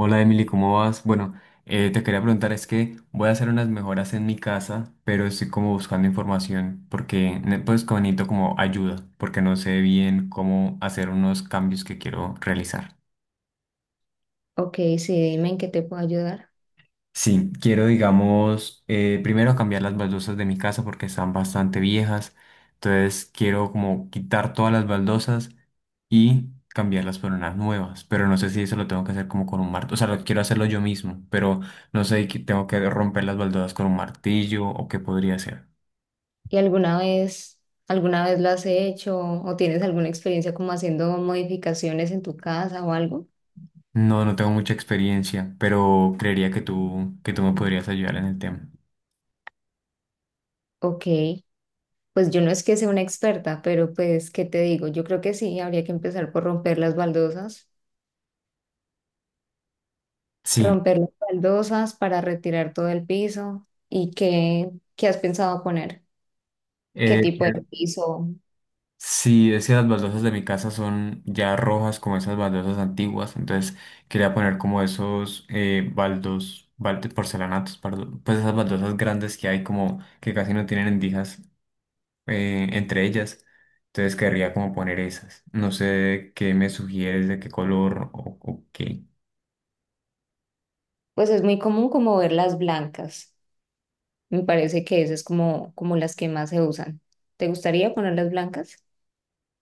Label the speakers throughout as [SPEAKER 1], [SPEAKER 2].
[SPEAKER 1] Hola Emily, ¿cómo vas? Bueno, te quería preguntar, es que voy a hacer unas mejoras en mi casa, pero estoy como buscando información porque pues como necesito como ayuda, porque no sé bien cómo hacer unos cambios que quiero realizar.
[SPEAKER 2] Ok, sí, dime en qué te puedo ayudar.
[SPEAKER 1] Sí, quiero, digamos, primero cambiar las baldosas de mi casa porque están bastante viejas. Entonces quiero como quitar todas las baldosas y cambiarlas por unas nuevas. Pero no sé si eso lo tengo que hacer como con un martillo. O sea, lo quiero hacerlo yo mismo, pero no sé que tengo que romper las baldosas con un martillo o qué podría hacer.
[SPEAKER 2] ¿Y alguna vez lo has hecho o tienes alguna experiencia como haciendo modificaciones en tu casa o algo?
[SPEAKER 1] No, no tengo mucha experiencia, pero creería que tú me podrías ayudar en el tema.
[SPEAKER 2] Ok, pues yo no es que sea una experta, pero pues, ¿qué te digo? Yo creo que sí, habría que empezar por
[SPEAKER 1] Sí.
[SPEAKER 2] romper las baldosas para retirar todo el piso. ¿Y qué has pensado poner? ¿Qué
[SPEAKER 1] eh,
[SPEAKER 2] tipo de piso?
[SPEAKER 1] Sí, es que las baldosas de mi casa son ya rojas como esas baldosas antiguas, entonces quería poner como esos porcelanatos, perdón, pues esas baldosas grandes que hay como que casi no tienen endijas entre ellas, entonces querría como poner esas. No sé qué me sugieres, de qué color o qué.
[SPEAKER 2] Pues es muy común como ver las blancas. Me parece que esas es como las que más se usan. ¿Te gustaría ponerlas blancas?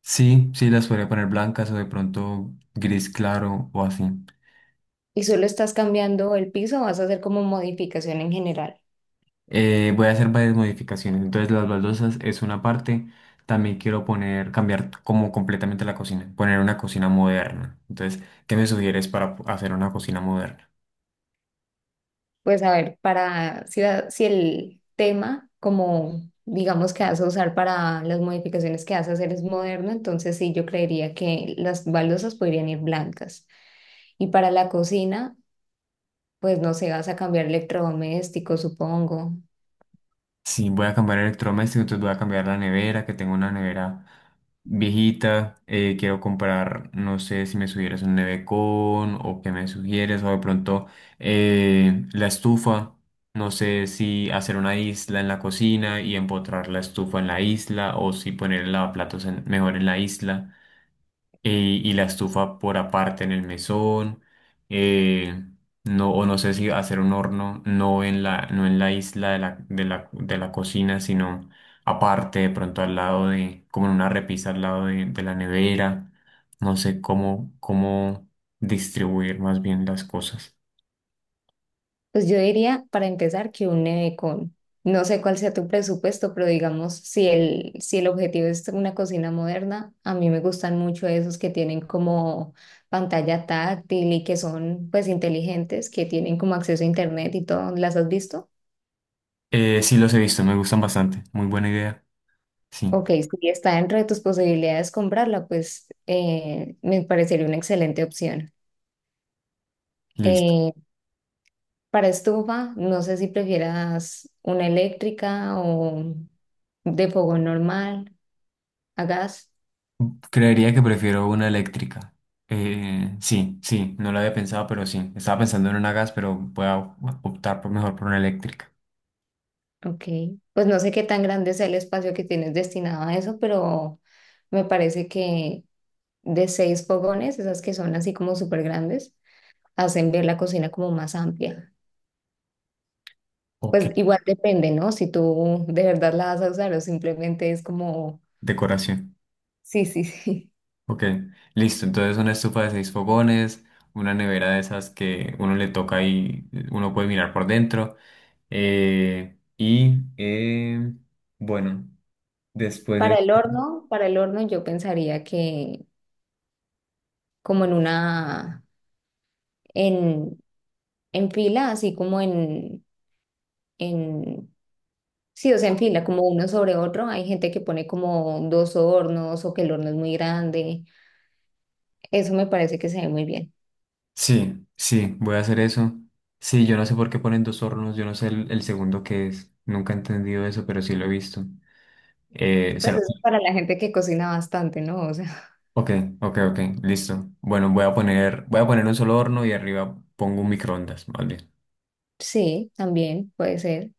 [SPEAKER 1] Sí, sí, las podría poner blancas o de pronto gris claro o así.
[SPEAKER 2] Y solo estás cambiando el piso, o vas a hacer como modificación en general.
[SPEAKER 1] Voy a hacer varias modificaciones. Entonces, las baldosas es una parte. También quiero poner, cambiar como completamente la cocina, poner una cocina moderna. Entonces, ¿qué me sugieres para hacer una cocina moderna?
[SPEAKER 2] Pues a ver, para si el tema, como digamos que vas a usar para las modificaciones que vas a hacer es moderno, entonces sí, yo creería que las baldosas podrían ir blancas. Y para la cocina, pues no sé, vas a cambiar electrodomésticos, supongo.
[SPEAKER 1] Sí, voy a cambiar electrodoméstico, entonces voy a cambiar la nevera, que tengo una nevera viejita. Quiero comprar, no sé si me sugieres un nevecón o qué me sugieres, o de pronto la estufa. No sé si hacer una isla en la cocina y empotrar la estufa en la isla, o si poner el lavaplatos mejor en la isla y la estufa por aparte en el mesón, eh, no, o no sé si hacer un horno, no en la, no en la isla de la cocina, sino aparte, de pronto al lado de, como en una repisa al lado de la nevera, no sé cómo distribuir más bien las cosas.
[SPEAKER 2] Pues yo diría, para empezar, que un nevecón. No sé cuál sea tu presupuesto, pero digamos, si el objetivo es una cocina moderna, a mí me gustan mucho esos que tienen como pantalla táctil y que son pues inteligentes, que tienen como acceso a internet y todo. ¿Las has visto?
[SPEAKER 1] Sí los he visto, me gustan bastante, muy buena idea, sí,
[SPEAKER 2] Ok, si está dentro de tus posibilidades comprarla, pues me parecería una excelente opción.
[SPEAKER 1] listo.
[SPEAKER 2] Eh, para estufa, no sé si prefieras una eléctrica o de fogón normal. A gas,
[SPEAKER 1] Creería que prefiero una eléctrica. Sí, sí, no lo había pensado, pero sí. Estaba pensando en una gas, pero voy a optar por mejor por una eléctrica.
[SPEAKER 2] ok. Pues no sé qué tan grande sea el espacio que tienes destinado a eso, pero me parece que de 6 fogones, esas que son así como súper grandes, hacen ver la cocina como más amplia.
[SPEAKER 1] Ok.
[SPEAKER 2] Pues igual depende, ¿no? Si tú de verdad la vas a usar o simplemente es como,
[SPEAKER 1] Decoración.
[SPEAKER 2] sí, sí, sí.
[SPEAKER 1] Ok, listo. Entonces una estufa de 6 fogones, una nevera de esas que uno le toca y uno puede mirar por dentro. Eh, y eh, bueno, después de...
[SPEAKER 2] Para el horno yo pensaría que como en una, en, en fila, así como en sí, o sea, en fila, como uno sobre otro. Hay gente que pone como dos hornos o que el horno es muy grande. Eso me parece que se ve muy bien.
[SPEAKER 1] Sí, sí, voy a hacer eso. Sí, yo no sé por qué ponen 2 hornos, yo no sé el segundo que es. Nunca he entendido eso, pero sí lo he visto.
[SPEAKER 2] Pues
[SPEAKER 1] Cero.
[SPEAKER 2] eso es para la gente que cocina bastante, ¿no? O sea,
[SPEAKER 1] Ok, ok, ok, listo. Bueno, voy a poner un solo horno y arriba pongo un microondas, más bien.
[SPEAKER 2] sí, también puede ser.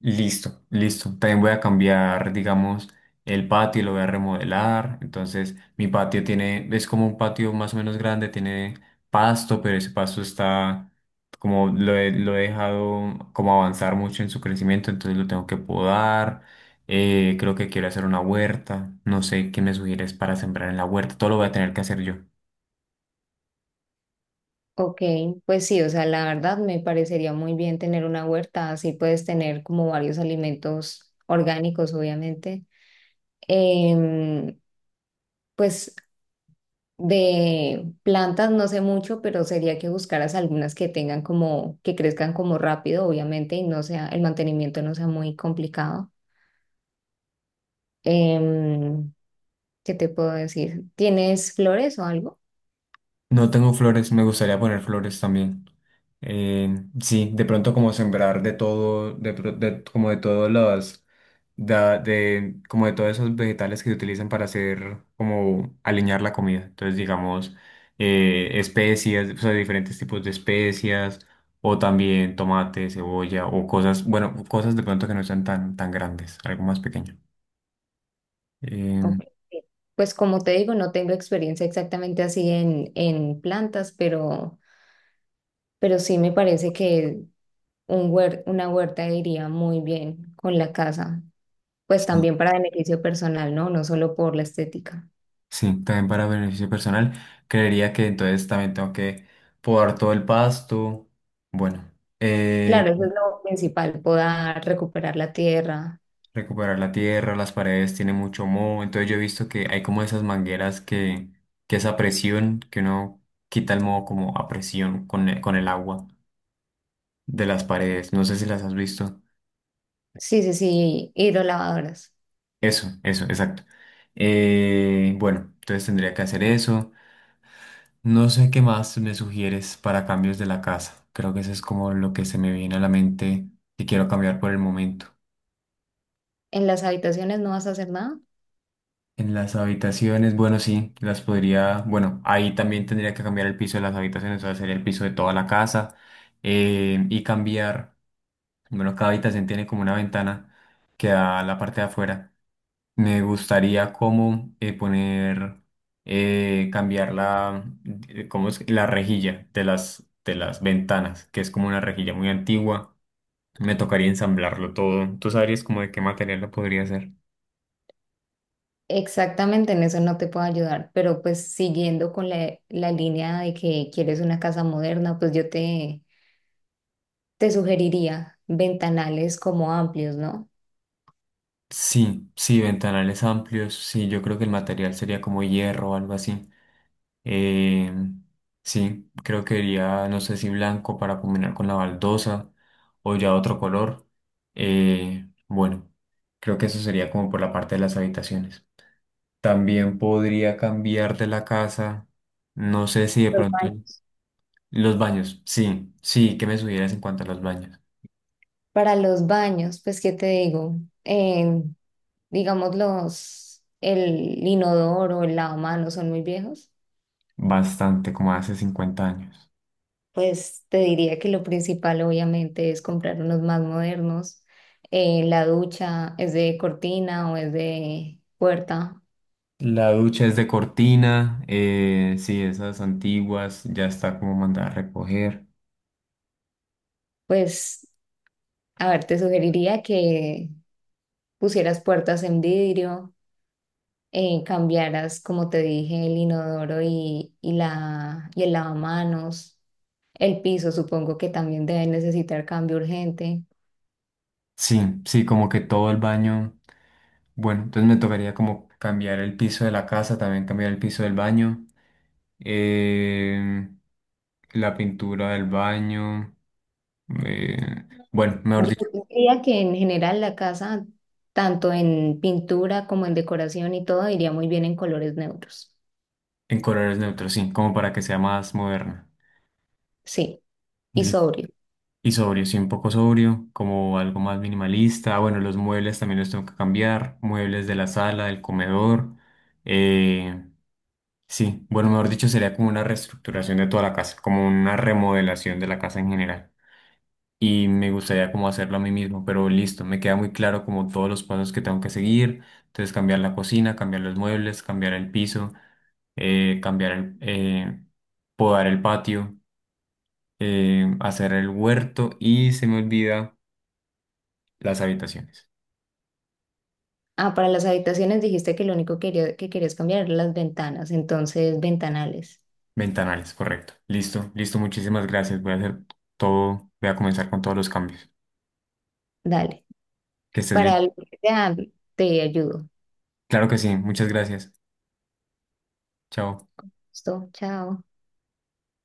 [SPEAKER 1] Listo, listo. También voy a cambiar, digamos, el patio, lo voy a remodelar. Entonces, mi patio tiene, es como un patio más o menos grande, tiene pasto, pero ese pasto está como lo he dejado como avanzar mucho en su crecimiento, entonces lo tengo que podar. Creo que quiero hacer una huerta. No sé qué me sugieres para sembrar en la huerta. Todo lo voy a tener que hacer yo.
[SPEAKER 2] Ok, pues sí, o sea, la verdad me parecería muy bien tener una huerta. Así puedes tener como varios alimentos orgánicos, obviamente. Em, pues de plantas no sé mucho, pero sería que buscaras algunas que tengan como, que crezcan como rápido, obviamente, y no sea, el mantenimiento no sea muy complicado. Em, ¿Qué te puedo decir? ¿Tienes flores o algo?
[SPEAKER 1] No tengo flores, me gustaría poner flores también. Eh, sí, de pronto como sembrar de todo, como de todos los, como de todos esos vegetales que se utilizan para hacer, como alinear la comida. Entonces, digamos, especias, o sea, diferentes tipos de especias, o también tomate, cebolla, o cosas, bueno, cosas de pronto que no sean tan, tan grandes, algo más pequeño. Em,
[SPEAKER 2] Ok. Pues como te digo, no tengo experiencia exactamente así en plantas, pero sí me parece que una huerta iría muy bien con la casa, pues
[SPEAKER 1] sí.
[SPEAKER 2] también para beneficio personal, ¿no? No solo por la estética.
[SPEAKER 1] Sí, también para beneficio personal. Creería que entonces también tengo que podar todo el pasto. Bueno, eh,
[SPEAKER 2] Claro, eso es lo principal, podar, recuperar la tierra.
[SPEAKER 1] recuperar la tierra, las paredes tiene mucho moho. Entonces yo he visto que hay como esas mangueras que esa presión, que uno quita el moho como a presión con el agua de las paredes. No sé si las has visto.
[SPEAKER 2] Sí, sí, sí, hidrolavadoras.
[SPEAKER 1] Eso, exacto. Bueno, entonces tendría que hacer eso. No sé qué más me sugieres para cambios de la casa. Creo que eso es como lo que se me viene a la mente que quiero cambiar por el momento.
[SPEAKER 2] En las habitaciones no vas a hacer nada.
[SPEAKER 1] En las habitaciones, bueno, sí, las podría, bueno, ahí también tendría que cambiar el piso de las habitaciones, o sea, sería el piso de toda la casa y cambiar, bueno, cada habitación tiene como una ventana que da a la parte de afuera. Me gustaría como cambiar la, ¿cómo es? La rejilla de las ventanas, que es como una rejilla muy antigua. Me tocaría ensamblarlo todo. ¿Tú sabrías como de qué material lo podría hacer?
[SPEAKER 2] Exactamente en eso no te puedo ayudar, pero pues siguiendo con la línea de que quieres una casa moderna, pues yo te sugeriría ventanales como amplios, ¿no?
[SPEAKER 1] Sí, sí, ventanales amplios. Sí, yo creo que el material sería como hierro o algo así. Eh, sí, creo que iría, no sé si blanco para combinar con la baldosa o ya otro color. Bueno, creo que eso sería como por la parte de las habitaciones. También podría cambiar de la casa, no sé si de
[SPEAKER 2] Los
[SPEAKER 1] pronto
[SPEAKER 2] baños.
[SPEAKER 1] los baños. Sí, sí, que me sugieras en cuanto a los baños.
[SPEAKER 2] Para los baños, pues, ¿qué te digo? Eh, digamos, los, el inodoro o el lavamanos son muy viejos.
[SPEAKER 1] Bastante, como hace 50 años.
[SPEAKER 2] Pues te diría que lo principal obviamente es comprar unos más modernos. La ducha es de cortina o es de puerta.
[SPEAKER 1] La ducha es de cortina, sí, esas antiguas, ya está como mandada a recoger.
[SPEAKER 2] Pues, a ver, te sugeriría que pusieras puertas en vidrio, cambiaras, como te dije, el inodoro y el lavamanos. El piso supongo que también debe necesitar cambio urgente.
[SPEAKER 1] Sí, sí, como que todo el baño. Bueno, entonces me tocaría como cambiar el piso de la casa, también cambiar el piso del baño, eh, la pintura del baño. eh, bueno, mejor
[SPEAKER 2] Yo
[SPEAKER 1] dicho,
[SPEAKER 2] diría que en general la casa, tanto en pintura como en decoración y todo, iría muy bien en colores neutros.
[SPEAKER 1] en colores neutros, sí, como para que sea más moderna.
[SPEAKER 2] Sí, y
[SPEAKER 1] Y
[SPEAKER 2] sobrio.
[SPEAKER 1] y sobrio, sí, un poco sobrio, como algo más minimalista. Bueno, los muebles también los tengo que cambiar, muebles de la sala, del comedor. eh, Sí, bueno, mejor dicho, sería como una reestructuración de toda la casa, como una remodelación de la casa en general. Y me gustaría como hacerlo a mí mismo, pero listo, me queda muy claro como todos los pasos que tengo que seguir. Entonces, cambiar la cocina, cambiar los muebles, cambiar el piso, eh, cambiar el, eh, podar el patio, hacer el huerto y se me olvida las habitaciones.
[SPEAKER 2] Ah, para las habitaciones dijiste que lo único que que querías cambiar eran las ventanas, entonces ventanales.
[SPEAKER 1] Ventanales, correcto. Listo, listo, muchísimas gracias. Voy a hacer todo, voy a comenzar con todos los cambios.
[SPEAKER 2] Dale.
[SPEAKER 1] Que estés
[SPEAKER 2] Para
[SPEAKER 1] bien.
[SPEAKER 2] lo que sea, te ayudo.
[SPEAKER 1] Claro que sí, muchas gracias. Chao.
[SPEAKER 2] Listo, chao.